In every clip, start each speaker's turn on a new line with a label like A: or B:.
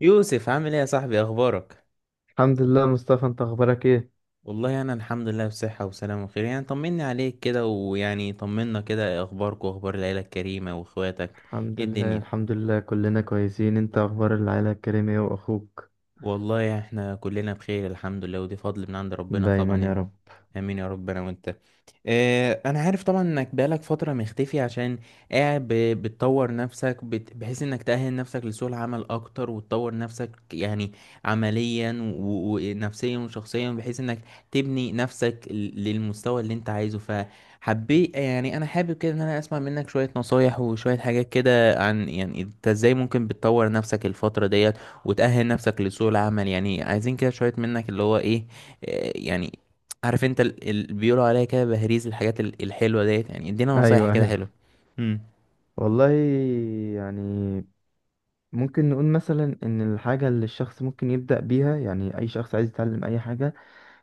A: يوسف عامل ايه يا صاحبي؟ اخبارك؟
B: الحمد لله، مصطفى. انت اخبارك ايه؟
A: والله انا الحمد لله بصحة وسلامة وخير. يعني طمني عليك كده، ويعني طمنا كده. إيه اخبارك واخبار العيلة الكريمة واخواتك؟
B: الحمد
A: ايه
B: لله
A: الدنيا؟
B: الحمد لله، كلنا كويسين. انت اخبار العيلة الكريمة ايه واخوك؟
A: والله احنا كلنا بخير الحمد لله، ودي فضل من عند ربنا طبعا
B: دايما يا
A: يعني.
B: رب.
A: امين يا رب، انا وانت. انا عارف طبعا انك بقالك فترة مختفي عشان قاعد بتطور نفسك، بحيث انك تأهل نفسك لسوق العمل اكتر وتطور نفسك يعني عمليا ونفسيا وشخصيا، بحيث انك تبني نفسك للمستوى اللي انت عايزه. فحبيت يعني، انا حابب كده ان انا اسمع منك شوية نصايح وشوية حاجات كده، عن يعني انت ازاي ممكن بتطور نفسك الفترة ديت وتأهل نفسك لسوق العمل. يعني عايزين كده شوية منك، اللي هو ايه، يعني عارف انت اللي بيقولوا عليها كده بهريز، الحاجات الحلوة ديت. يعني ادينا نصايح
B: ايوه
A: كده
B: ايوه،
A: حلوة. امم.
B: والله يعني ممكن نقول مثلا ان الحاجة اللي الشخص ممكن يبدأ بيها. يعني اي شخص عايز يتعلم اي حاجة،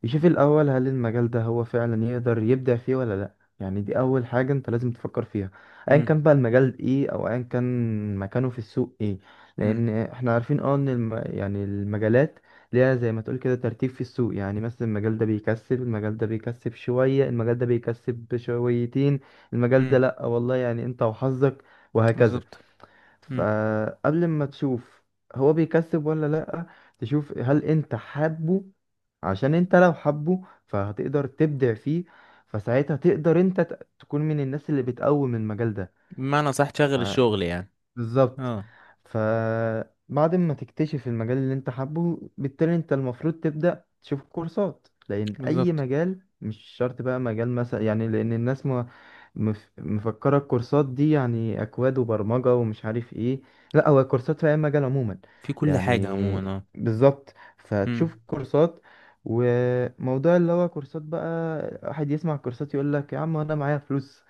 B: يشوف الأول هل المجال ده هو فعلا يقدر يبدع فيه ولا لأ. يعني دي أول حاجة أنت لازم تفكر فيها، أيا
A: امم.
B: كان بقى المجال إيه أو أيا كان مكانه في السوق إيه. لأن
A: امم.
B: إحنا عارفين أه إن المجالات ليها زي ما تقول كده ترتيب في السوق. يعني مثلا المجال ده بيكسب، المجال ده بيكسب شوية، المجال ده بيكسب شويتين، المجال ده
A: امم.
B: لأ والله يعني أنت وحظك، وهكذا.
A: بالظبط. امم.
B: فقبل ما تشوف هو بيكسب ولا لأ، تشوف هل انت حابه، عشان انت لو حابه فهتقدر تبدع فيه. فساعتها تقدر انت تكون من الناس اللي بتقوم المجال
A: بمعنى صح تشغل
B: ده.
A: الشغل يعني.
B: بالظبط.
A: اه.
B: فبعد ما تكتشف المجال اللي انت حابه، بالتالي انت المفروض تبدأ تشوف كورسات، لأن أي
A: بالظبط.
B: مجال مش شرط بقى مجال مثلا يعني. لأن الناس ما مفكرة الكورسات دي يعني أكواد وبرمجة ومش عارف ايه. لا، هو كورسات في أي مجال عموما،
A: في كل حاجة عموما
B: يعني
A: اه.
B: بالظبط.
A: امم.
B: فتشوف كورسات. وموضوع اللي هو كورسات بقى، واحد يسمع كورسات يقول لك يا عم انا معايا فلوس.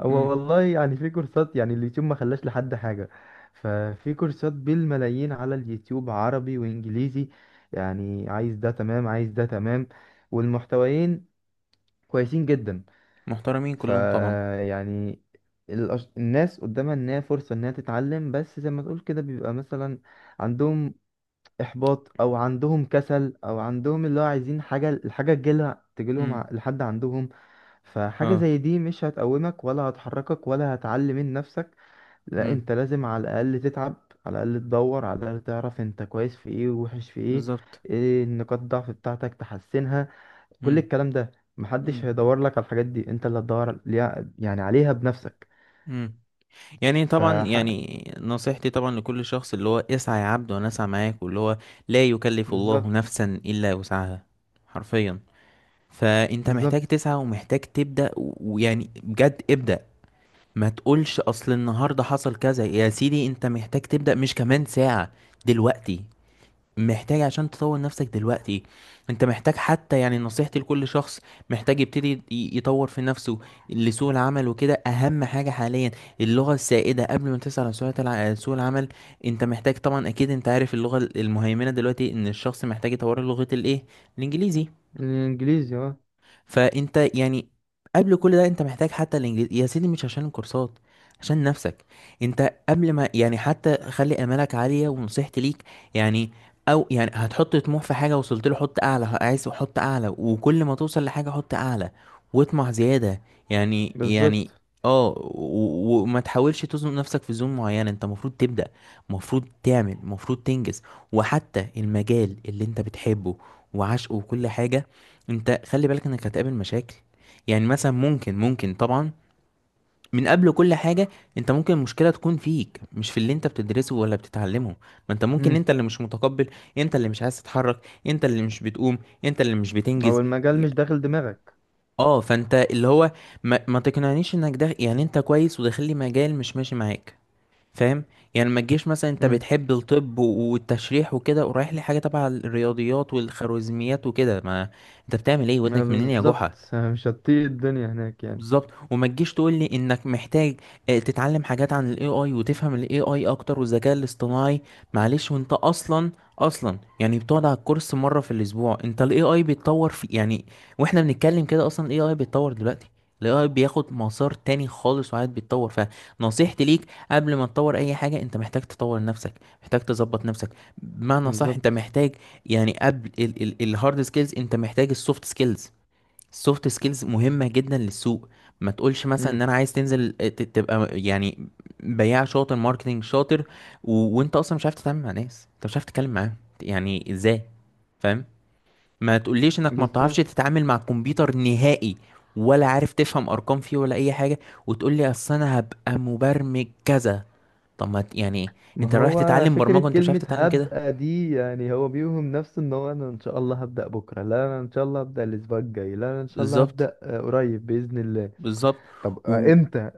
B: هو
A: امم.
B: والله يعني في كورسات، يعني اليوتيوب ما خلاش لحد حاجة. ففي كورسات بالملايين على اليوتيوب، عربي وإنجليزي. يعني عايز ده تمام، عايز ده تمام، والمحتويين كويسين جدا.
A: محترمين
B: ف
A: كلهم طبعا.
B: يعني الناس قدامها إنها فرصة إنها تتعلم، بس زي ما تقول كده بيبقى مثلا عندهم إحباط أو عندهم كسل أو عندهم اللي هو عايزين حاجة، الحاجة تجيلها
A: امم.
B: لحد عندهم. فحاجة
A: اه.
B: زي دي مش هتقومك ولا هتحركك ولا هتعلي من نفسك. لا،
A: مم.
B: انت لازم على الاقل تتعب، على الاقل تدور، على الاقل تعرف انت كويس في ايه ووحش في ايه،
A: بالظبط.
B: ايه النقاط الضعف بتاعتك تحسنها. كل
A: مم.
B: الكلام ده محدش
A: مم.
B: هيدور لك على الحاجات دي، انت اللي هتدور عليها بنفسك.
A: مم. يعني
B: ف
A: طبعا، يعني نصيحتي طبعا لكل شخص، اللي هو اسعى يا عبد وانا اسعى معاك، واللي هو لا يكلف الله
B: بالظبط.
A: نفسا الا وسعها، حرفيا. فانت محتاج
B: بالظبط.
A: تسعى ومحتاج تبدأ، ويعني بجد ابدأ. ما تقولش اصل النهارده حصل كذا يا سيدي، انت محتاج تبدأ، مش كمان ساعة، دلوقتي. محتاج عشان تطور نفسك دلوقتي. انت محتاج حتى، يعني نصيحتي لكل شخص، محتاج يبتدي يطور في نفسه لسوق العمل وكده. اهم حاجة حاليا اللغة السائدة. قبل ما تسعى على سوق سوق العمل، انت محتاج طبعا، اكيد انت عارف، اللغة المهيمنة دلوقتي، ان الشخص محتاج يطور لغة الايه، الانجليزي.
B: الانجليزي اه.
A: فانت يعني قبل كل ده انت محتاج حتى الانجليزي، يا سيدي مش عشان الكورسات، عشان نفسك. انت قبل ما يعني حتى خلي امالك عالية، ونصيحتي ليك يعني، او يعني هتحط طموح في حاجة وصلت له، حط اعلى، عايز حط اعلى، وكل ما توصل لحاجة حط اعلى، واطمع زيادة. يعني
B: بالظبط.
A: اه وما تحاولش تزنق نفسك في زون معينة. انت المفروض تبدأ، المفروض تعمل، المفروض تنجز. وحتى المجال اللي انت بتحبه وعشقه وكل حاجة، انت خلي بالك انك هتقابل مشاكل. يعني مثلا ممكن طبعا، من قبل كل حاجة، انت ممكن المشكلة تكون فيك، مش في اللي انت بتدرسه ولا بتتعلمه. ما انت ممكن
B: امم
A: انت اللي مش متقبل، انت اللي مش عايز تتحرك، انت اللي مش بتقوم، انت اللي مش
B: او
A: بتنجز.
B: المجال مش داخل دماغك.
A: اه، فانت اللي هو ما تقنعنيش انك ده، يعني انت كويس وداخل لي مجال مش ماشي معاك، فاهم؟ يعني ما تجيش مثلا انت
B: امم،
A: بتحب الطب والتشريح وكده، ورايح لي حاجة تبع الرياضيات والخوارزميات وكده، ما انت بتعمل ايه؟
B: اه،
A: ودنك منين يا جحا؟
B: بالظبط. مش هتطيق الدنيا هناك يعني
A: بالظبط. وما تجيش تقول لي انك محتاج تتعلم حاجات عن الاي اي، وتفهم الاي اي اكتر، والذكاء الاصطناعي، معلش وانت اصلا يعني بتقعد على الكورس مره في الاسبوع؟ انت الاي اي بيتطور في، يعني واحنا بنتكلم كده اصلا الاي اي بيتطور دلوقتي، الاي اي بياخد مسار تاني خالص وقاعد بيتطور. فنصيحتي ليك، قبل ما تطور اي حاجه انت محتاج تطور نفسك، محتاج تظبط نفسك. بمعنى صح انت
B: بالظبط.
A: محتاج يعني، قبل الهارد سكيلز انت محتاج السوفت سكيلز. السوفت سكيلز مهمة جدا للسوق. ما تقولش مثلا ان
B: امم،
A: انا عايز تنزل تبقى يعني بياع شاطر، ماركتنج شاطر، وانت اصلا مش عارف تتعامل مع ناس، انت مش عارف تتكلم معاهم، يعني ازاي؟ فاهم؟ ما تقوليش انك ما بتعرفش
B: بالظبط.
A: تتعامل مع الكمبيوتر نهائي، ولا عارف تفهم ارقام فيه ولا اي حاجة، وتقول لي اصل انا هبقى مبرمج كذا. طب ما ت- يعني
B: ما
A: انت رايح
B: هو
A: تتعلم
B: فكرة
A: برمجة وانت مش عارف
B: كلمة
A: تتعلم كده؟
B: هبقى دي، يعني هو بيوهم نفسه ان هو، انا ان شاء الله هبدأ بكرة، لا انا ان شاء الله هبدأ الاسبوع الجاي، لا انا ان شاء الله
A: بالظبط.
B: هبدأ قريب بإذن الله.
A: بالظبط.
B: طب
A: و...
B: امتى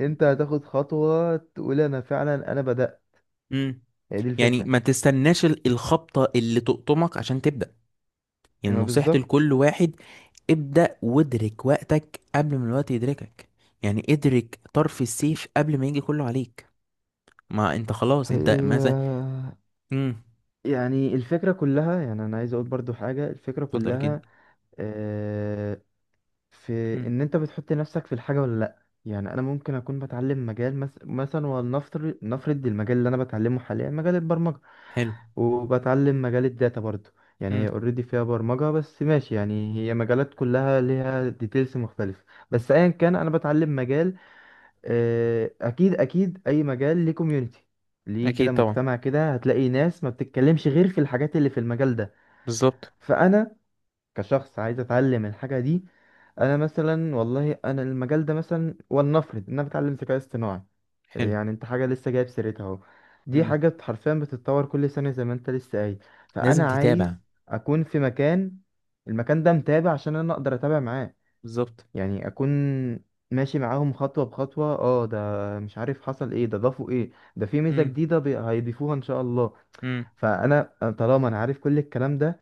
B: امتى هتاخد خطوة تقول انا فعلا انا بدأت؟
A: مم.
B: هي دي
A: يعني
B: الفكرة.
A: ما تستناش الخبطة اللي تقطمك عشان تبدأ. يعني
B: ما
A: نصيحتي
B: بالظبط.
A: لكل واحد، ابدأ وادرك وقتك قبل ما الوقت يدركك. يعني ادرك طرف السيف قبل ما يجي كله عليك. ما انت خلاص، انت
B: هي
A: مثلا. امم.
B: يعني الفكرة كلها، يعني انا عايز اقول برضو حاجة. الفكرة
A: اتفضل كده.
B: كلها في
A: امم.
B: ان انت بتحط نفسك في الحاجه ولا لا. يعني انا ممكن اكون بتعلم مجال مثلا، ولنفرض المجال اللي انا بتعلمه حاليا مجال البرمجه،
A: حلو.
B: وبتعلم مجال الداتا برضو. يعني
A: امم.
B: هي اوريدي فيها برمجه بس ماشي، يعني هي مجالات كلها ليها ديتيلز مختلفه. بس ايا كان انا بتعلم مجال، اكيد اكيد اي مجال ليه كوميونتي، ليه كده
A: اكيد طبعا.
B: مجتمع كده، هتلاقي ناس ما بتتكلمش غير في الحاجات اللي في المجال ده.
A: بالظبط.
B: فانا كشخص عايز اتعلم الحاجه دي، انا مثلا والله انا المجال ده مثلا، ولنفرض ان انا بتعلم ذكاء اصطناعي.
A: حلو.
B: يعني انت حاجه لسه جايب سيرتها اهو، دي
A: امم.
B: حاجه حرفيا بتتطور كل سنه زي ما انت لسه قايل.
A: لازم
B: فانا عايز
A: تتابع.
B: اكون في مكان، المكان ده متابع عشان انا اقدر اتابع معاه.
A: بالظبط.
B: يعني اكون ماشي معاهم خطوه بخطوه، اه ده مش عارف حصل ايه، ده ضافوا ايه، ده في ميزه
A: امم.
B: جديده هيضيفوها ان شاء الله.
A: امم.
B: فانا طالما انا عارف كل الكلام ده،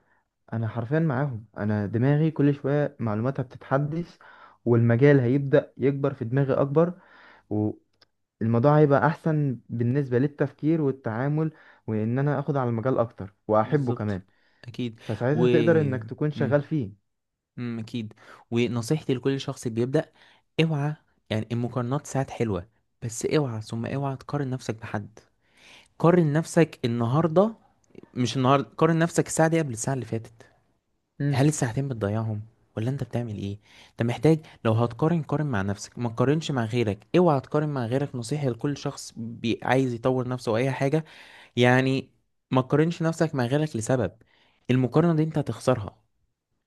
B: انا حرفيا معاهم، انا دماغي كل شويه معلوماتها بتتحدث، والمجال هيبدا يكبر في دماغي اكبر، والموضوع هيبقى احسن بالنسبه للتفكير والتعامل، وان انا اخد على المجال اكتر واحبه
A: بالظبط.
B: كمان.
A: اكيد. و.
B: فساعتها تقدر انك تكون
A: امم.
B: شغال فيه.
A: اكيد. ونصيحتي لكل شخص بيبدأ، اوعى. يعني المقارنات ساعات حلوة، بس اوعى ثم اوعى تقارن نفسك بحد. قارن نفسك النهاردة، مش النهاردة، قارن نفسك الساعة دي قبل الساعة اللي فاتت.
B: امم
A: هل الساعتين بتضيعهم ولا انت بتعمل ايه؟ انت محتاج، لو هتقارن قارن مع نفسك، ما تقارنش مع غيرك. اوعى تقارن مع غيرك، نصيحة لكل شخص عايز يطور نفسه واي حاجة. يعني ما تقارنش نفسك مع غيرك لسبب، المقارنة دي انت هتخسرها.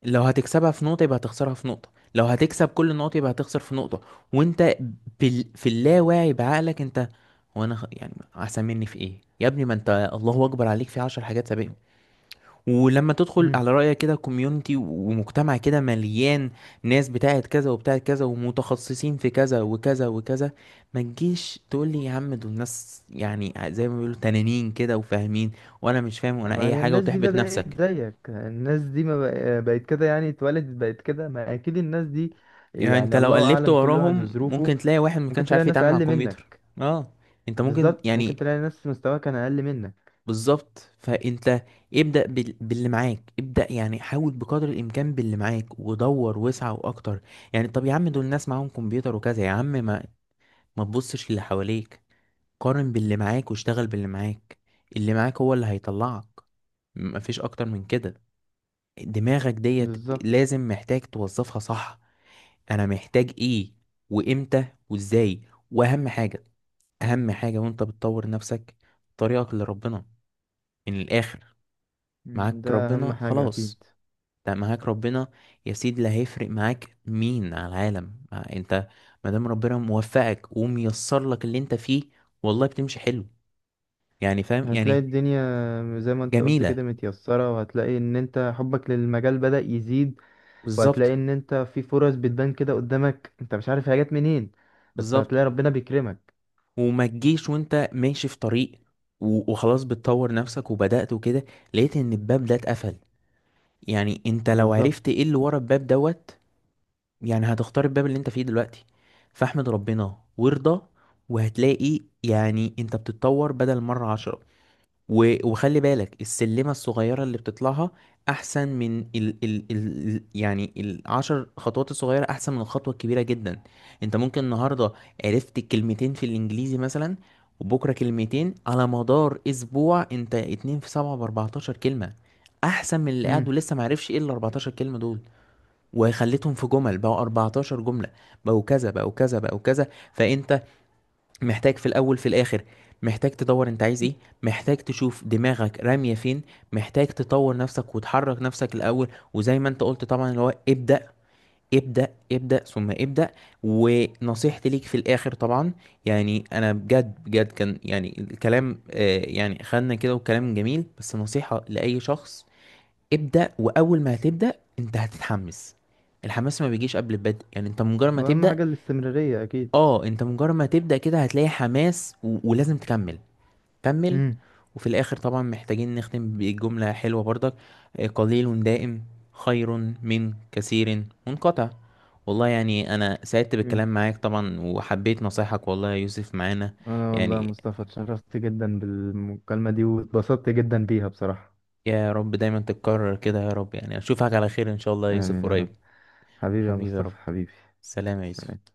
A: لو هتكسبها في نقطة يبقى هتخسرها في نقطة، لو هتكسب كل النقط يبقى هتخسر في نقطة. وانت في اللاواعي بعقلك، انت هو انا يعني هسميني في ايه يا ابني؟ ما انت الله اكبر عليك في 10 حاجات سابقهم. ولما تدخل
B: امم
A: على رأيك كده كوميونتي ومجتمع كده مليان ناس بتاعت كذا وبتاعت كذا ومتخصصين في كذا وكذا وكذا، ما تجيش تقول لي يا عم دول ناس يعني زي ما بيقولوا تنانين كده، وفاهمين وانا مش فاهم وانا
B: ما
A: اي
B: هي
A: حاجة،
B: الناس دي
A: وتحبط
B: بدأت
A: نفسك.
B: زيك، الناس دي ما بق- بقت كده يعني، اتولدت بقت كده؟ ما اكيد الناس دي
A: يعني انت
B: يعني
A: لو
B: الله
A: قلبت
B: اعلم، كل واحد
A: وراهم
B: وظروفه.
A: ممكن تلاقي واحد ما
B: ممكن
A: كانش
B: تلاقي
A: عارف
B: ناس
A: يتعامل مع
B: اقل
A: الكمبيوتر.
B: منك.
A: اه، انت ممكن
B: بالظبط، ممكن
A: يعني.
B: تلاقي ناس مستواها كان اقل منك.
A: بالظبط. فانت ابدأ باللي معاك، ابدأ يعني حاول بقدر الامكان باللي معاك، ودور وسع واكتر. يعني طب يا عم دول الناس معاهم كمبيوتر وكذا يا عم، ما ما تبصش اللي حواليك، قارن باللي معاك واشتغل باللي معاك. اللي معاك هو اللي هيطلعك، مفيش اكتر من كده. دماغك ديت
B: بالظبط.
A: لازم محتاج توظفها صح. انا محتاج ايه، وامتى، وازاي؟ واهم حاجه، اهم حاجه وانت بتطور نفسك، طريقك لربنا. من الاخر،
B: مم،
A: معاك
B: ده اهم
A: ربنا
B: حاجة
A: خلاص.
B: اكيد.
A: ده معاك ربنا يا سيدي، لا هيفرق معاك مين على العالم. انت مادام ربنا موفقك وميسر لك اللي انت فيه، والله بتمشي حلو. يعني فاهم
B: هتلاقي
A: يعني.
B: الدنيا زي ما انت قلت
A: جميله.
B: كده متيسرة، وهتلاقي ان انت حبك للمجال بدأ يزيد،
A: بالظبط.
B: وهتلاقي ان انت في فرص بتبان كده قدامك انت مش عارف هي جت منين، بس
A: بالظبط.
B: هتلاقي ربنا بيكرمك.
A: وما تجيش وانت ماشي في طريق وخلاص بتطور نفسك وبدأت وكده، لقيت ان الباب ده اتقفل. يعني انت لو عرفت
B: بالظبط.
A: ايه اللي ورا الباب دوت، يعني هتختار الباب اللي انت فيه دلوقتي. فاحمد ربنا وارضى. وهتلاقي يعني انت بتتطور بدل مرة 10. وخلي بالك، السلمة الصغيرة اللي بتطلعها أحسن من ال يعني ال 10 خطوات. الصغيرة أحسن من الخطوة الكبيرة جدا. أنت ممكن النهاردة عرفت كلمتين في الإنجليزي مثلا، وبكرة كلمتين، على مدار أسبوع أنت 2 في 7 ب 14 كلمة، أحسن من اللي قاعد
B: مم.
A: ولسه معرفش إيه ال 14 كلمة دول. وخليتهم في جمل بقوا 14 جملة، بقوا كذا بقوا كذا بقوا كذا. فأنت محتاج في الأول في الآخر، محتاج تدوّر أنت عايز إيه، محتاج تشوف دماغك رامية فين، محتاج تطوّر نفسك وتحرّك نفسك الأول، وزي ما أنت قُلت طبعًا اللي هو ابدأ، ابدأ، ابدأ، ثم ابدأ. ونصيحتي ليك في الآخر طبعًا، يعني أنا بجد، بجد كان يعني الكلام، يعني خدنا كده وكلام جميل، بس نصيحة لأي شخص، ابدأ. وأول ما هتبدأ أنت هتتحمّس، الحماس ما بيجيش قبل البدء، يعني أنت مجرّد ما
B: واهم
A: تبدأ.
B: حاجة الاستمرارية اكيد.
A: اه انت مجرد ما تبدأ كده هتلاقي حماس، ولازم تكمل. كمل.
B: مم.
A: وفي الاخر طبعا محتاجين نختم بجملة حلوة برضك، قليل دائم خير من كثير منقطع. والله يعني انا سعدت بالكلام
B: اكيد.
A: معاك طبعا، وحبيت نصايحك والله يا يوسف معانا
B: انا والله يا
A: يعني.
B: مصطفى اتشرفت جدا بالمكالمة دي واتبسطت جدا بيها بصراحة.
A: يا رب دايما تتكرر كده يا رب، يعني اشوفك على خير ان شاء الله يا يوسف
B: امين يا رب.
A: قريب.
B: حبيبي يا
A: حبيبي يا رب.
B: مصطفى، حبيبي.
A: سلام يا
B: سلام.
A: يوسف.